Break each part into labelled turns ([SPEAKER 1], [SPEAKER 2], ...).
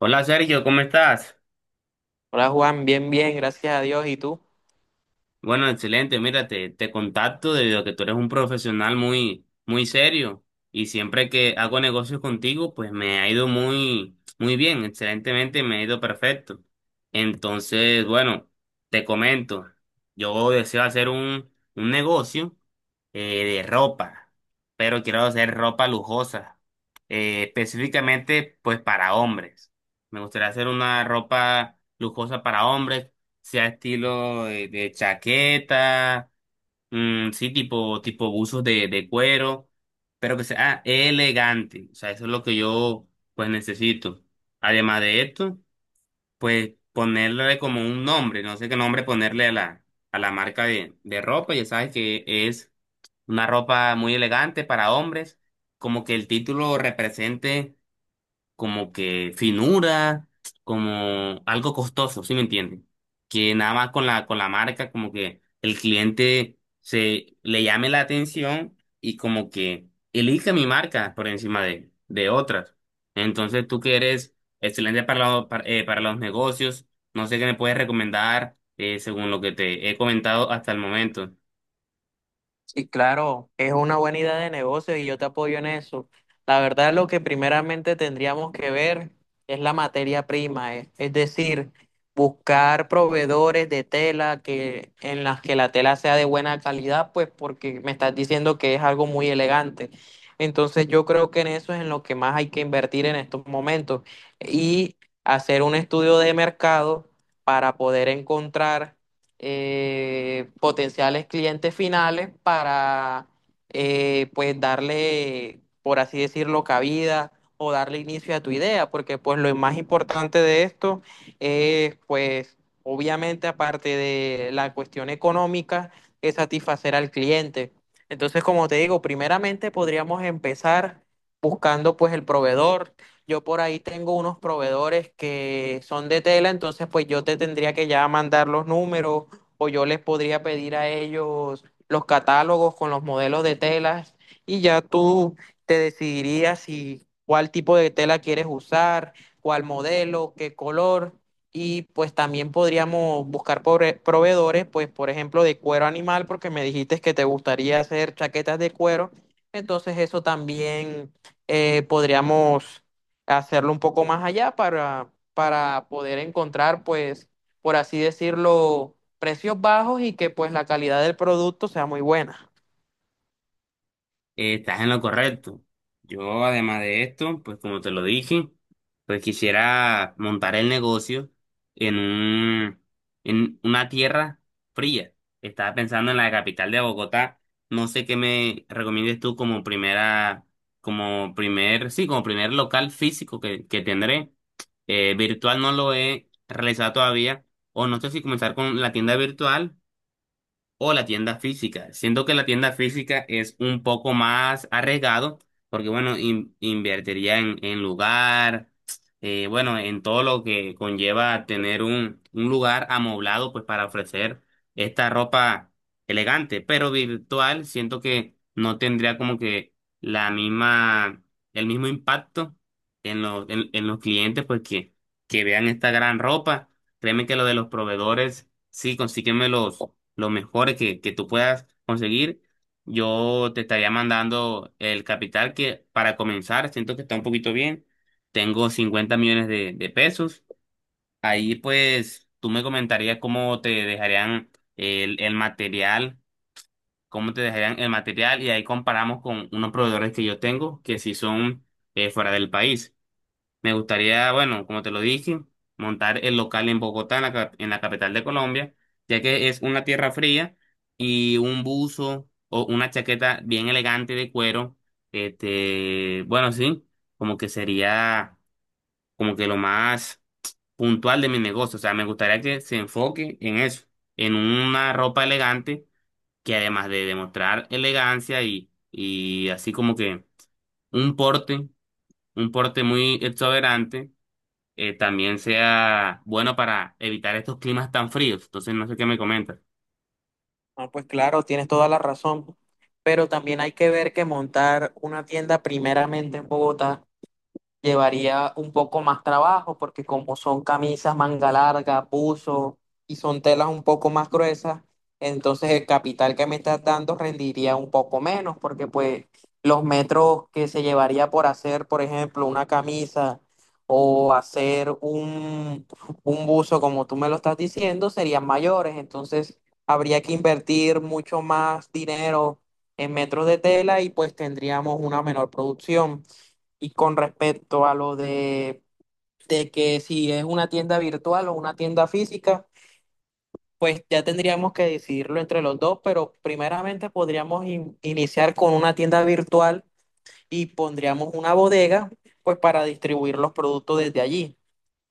[SPEAKER 1] Hola Sergio, ¿cómo estás?
[SPEAKER 2] Hola Juan, bien, gracias a Dios. ¿Y tú?
[SPEAKER 1] Bueno, excelente. Mira, te contacto debido a que tú eres un profesional muy, muy serio y siempre que hago negocios contigo, pues me ha ido muy, muy bien, excelentemente, me ha ido perfecto. Entonces, bueno, te comento, yo deseo hacer un negocio de ropa, pero quiero hacer ropa lujosa, específicamente pues para hombres. Me gustaría hacer una ropa lujosa para hombres sea estilo de chaqueta, mm, sí, tipo buzos de cuero, pero que sea elegante. O sea, eso es lo que yo pues necesito. Además de esto, pues ponerle como un nombre, no sé qué nombre ponerle a la marca de ropa. Ya sabes que es una ropa muy elegante para hombres, como que el título represente como que finura, como algo costoso, ¿sí me entienden? Que nada más con con la marca, como que el cliente se le llame la atención y como que elija mi marca por encima de otras. Entonces, tú que eres excelente para los negocios, no sé qué me puedes recomendar según lo que te he comentado hasta el momento.
[SPEAKER 2] Sí, claro, es una buena idea de negocio y yo te apoyo en eso. La verdad, lo que primeramente tendríamos que ver es la materia prima, es decir, buscar proveedores de tela que en las que la tela sea de buena calidad, pues porque me estás diciendo que es algo muy elegante. Entonces, yo creo que en eso es en lo que más hay que invertir en estos momentos y hacer un estudio de mercado para poder encontrar potenciales clientes finales para pues darle, por así decirlo, cabida o darle inicio a tu idea, porque pues lo más importante de esto es, pues, obviamente, aparte de la cuestión económica, es satisfacer al cliente. Entonces, como te digo, primeramente podríamos empezar buscando pues el proveedor. Yo por ahí tengo unos proveedores que son de tela, entonces pues yo te tendría que ya mandar los números, o yo les podría pedir a ellos los catálogos con los modelos de telas y ya tú te decidirías si cuál tipo de tela quieres usar, cuál modelo, qué color. Y pues también podríamos buscar proveedores, pues, por ejemplo, de cuero animal, porque me dijiste que te gustaría hacer chaquetas de cuero. Entonces eso también podríamos hacerlo un poco más allá para poder encontrar, pues, por así decirlo, precios bajos y que pues la calidad del producto sea muy buena.
[SPEAKER 1] Estás en lo correcto. Yo, además de esto, pues como te lo dije, pues quisiera montar el negocio en en una tierra fría. Estaba pensando en la capital de Bogotá. No sé qué me recomiendes tú como primera, como primer, sí, como primer local físico que tendré. Virtual no lo he realizado todavía. O no sé si comenzar con la tienda virtual o la tienda física. Siento que la tienda física es un poco más arriesgado porque, bueno, invertiría en lugar, bueno, en todo lo que conlleva tener un lugar amoblado, pues para ofrecer esta ropa elegante, pero virtual, siento que no tendría como que la misma, el mismo impacto en los clientes, pues que vean esta gran ropa. Créeme que lo de los proveedores, sí, consígueme los mejores que tú puedas conseguir. Yo te estaría mandando el capital que para comenzar, siento que está un poquito bien. Tengo 50 millones de pesos. Ahí pues tú me comentarías cómo te dejarían el material, cómo te dejarían el material y ahí comparamos con unos proveedores que yo tengo que si son fuera del país. Me gustaría, bueno, como te lo dije, montar el local en Bogotá, en la capital de Colombia, ya que es una tierra fría y un buzo o una chaqueta bien elegante de cuero, este, bueno, sí, como que sería como que lo más puntual de mi negocio. O sea, me gustaría que se enfoque en eso, en una ropa elegante que además de demostrar elegancia y así como que un porte, un porte muy exuberante también sea bueno para evitar estos climas tan fríos. Entonces, no sé qué me comentas.
[SPEAKER 2] Ah, pues claro, tienes toda la razón, pero también hay que ver que montar una tienda primeramente en Bogotá llevaría un poco más trabajo, porque como son camisas manga larga, buzo, y son telas un poco más gruesas, entonces el capital que me estás dando rendiría un poco menos, porque pues los metros que se llevaría por hacer, por ejemplo, una camisa o hacer un buzo como tú me lo estás diciendo serían mayores. Entonces habría que invertir mucho más dinero en metros de tela y pues tendríamos una menor producción. Y con respecto a lo de que si es una tienda virtual o una tienda física, pues ya tendríamos que decidirlo entre los dos, pero primeramente podríamos iniciar con una tienda virtual y pondríamos una bodega, pues para distribuir los productos desde allí.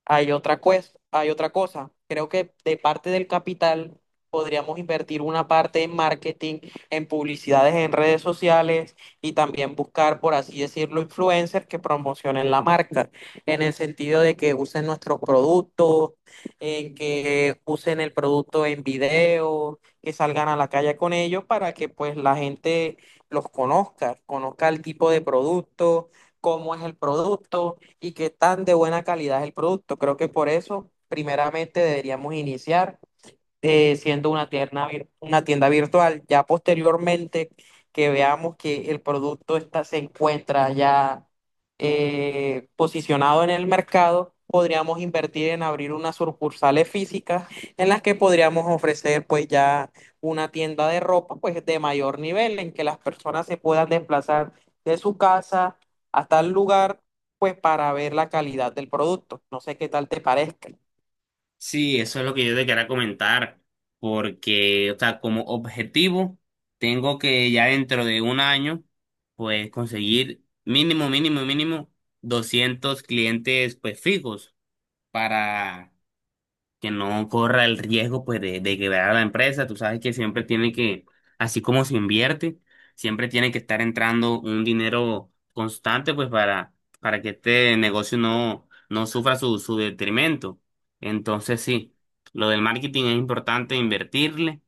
[SPEAKER 2] Hay otra cosa. Creo que de parte del capital podríamos invertir una parte en marketing, en publicidades en redes sociales, y también buscar, por así decirlo, influencers que promocionen la marca, en el sentido de que usen nuestros productos, en que usen el producto en video, que salgan a la calle con ellos para que pues la gente los conozca, conozca el tipo de producto, cómo es el producto y qué tan de buena calidad es el producto. Creo que por eso, primeramente, deberíamos iniciar siendo una tienda, una tienda virtual. Ya posteriormente que veamos que el producto está, se encuentra ya posicionado en el mercado, podríamos invertir en abrir unas sucursales físicas en las que podríamos ofrecer pues ya una tienda de ropa, pues de mayor nivel, en que las personas se puedan desplazar de su casa hasta el lugar, pues para ver la calidad del producto. No sé qué tal te parezca.
[SPEAKER 1] Sí, eso es lo que yo te quería comentar, porque, o sea, como objetivo, tengo que ya dentro de un año, pues conseguir mínimo, mínimo, mínimo 200 clientes, pues fijos para que no corra el riesgo pues de quebrar a la empresa. Tú sabes que siempre tiene que, así como se invierte, siempre tiene que estar entrando un dinero constante pues para que este negocio no sufra su detrimento. Entonces sí, lo del marketing es importante invertirle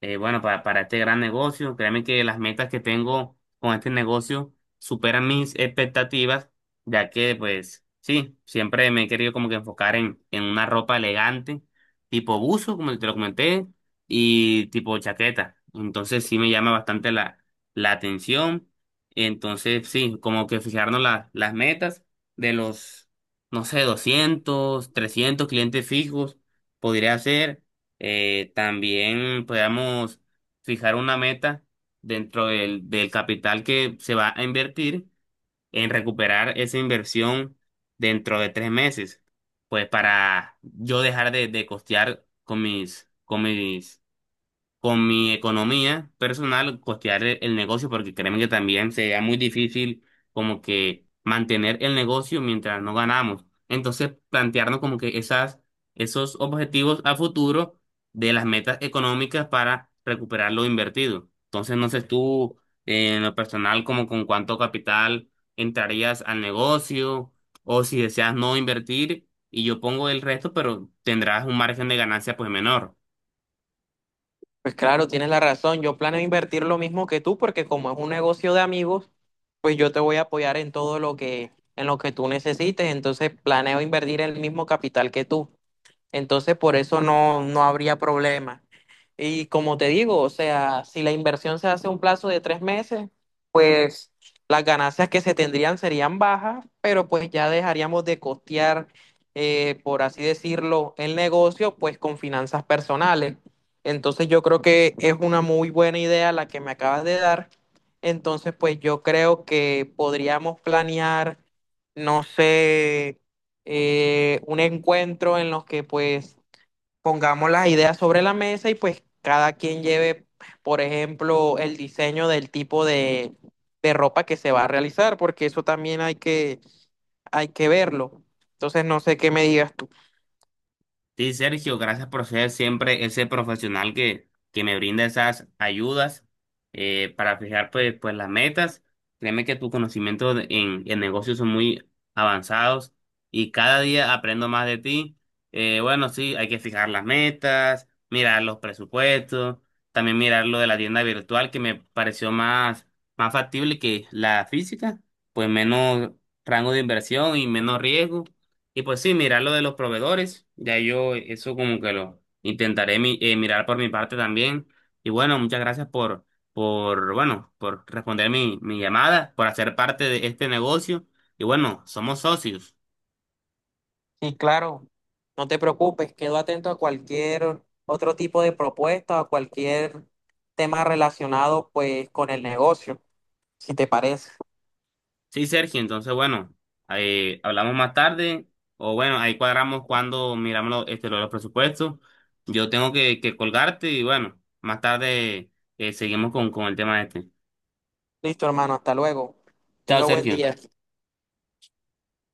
[SPEAKER 1] bueno, para este gran negocio. Créeme que las metas que tengo con este negocio superan mis expectativas, ya que, pues, sí, siempre me he querido como que enfocar en una ropa elegante, tipo buzo, como te lo comenté, y tipo chaqueta. Entonces sí me llama bastante la atención. Entonces, sí, como que fijarnos las metas de los, no sé, 200 300 clientes fijos, podría ser. También podamos fijar una meta dentro del capital que se va a invertir en recuperar esa inversión dentro de 3 meses, pues para yo dejar de costear con mi economía personal costear el negocio porque créeme que también sería muy difícil como que mantener el negocio mientras no ganamos. Entonces, plantearnos como que esos objetivos a futuro de las metas económicas para recuperar lo invertido. Entonces, no sé tú en lo personal como con cuánto capital entrarías al negocio o si deseas no invertir y yo pongo el resto, pero tendrás un margen de ganancia pues menor.
[SPEAKER 2] Pues claro, tienes la razón. Yo planeo invertir lo mismo que tú, porque como es un negocio de amigos, pues yo te voy a apoyar en todo lo que tú necesites. Entonces planeo invertir el mismo capital que tú. Entonces, por eso no habría problema. Y como te digo, o sea, si la inversión se hace a un plazo de 3 meses, pues las ganancias que se tendrían serían bajas, pero pues ya dejaríamos de costear, por así decirlo, el negocio, pues con finanzas personales. Entonces yo creo que es una muy buena idea la que me acabas de dar. Entonces, pues yo creo que podríamos planear, no sé, un encuentro en los que pues pongamos las ideas sobre la mesa y pues cada quien lleve, por ejemplo, el diseño del tipo de ropa que se va a realizar, porque eso también hay que verlo. Entonces no sé qué me digas tú.
[SPEAKER 1] Sí, Sergio, gracias por ser siempre ese profesional que me brinda esas ayudas para fijar pues las metas. Créeme que tus conocimientos en negocios son muy avanzados y cada día aprendo más de ti. Bueno, sí, hay que fijar las metas, mirar los presupuestos, también mirar lo de la tienda virtual que me pareció más factible que la física, pues menos rango de inversión y menos riesgo. Y pues sí, mirar lo de los proveedores, ya yo eso como que lo intentaré mirar por mi parte también. Y bueno, muchas gracias por, bueno, por responder mi llamada, por hacer parte de este negocio. Y bueno, somos socios.
[SPEAKER 2] Y claro, no te preocupes, quedo atento a cualquier otro tipo de propuesta o cualquier tema relacionado pues con el negocio, si te parece.
[SPEAKER 1] Sí, Sergio, entonces bueno, ahí hablamos más tarde o bueno, ahí cuadramos cuando miramos este, lo de los presupuestos. Yo tengo que colgarte y bueno, más tarde seguimos con el tema este.
[SPEAKER 2] Listo, hermano, hasta luego.
[SPEAKER 1] Chao,
[SPEAKER 2] Tenga buen
[SPEAKER 1] Sergio.
[SPEAKER 2] día.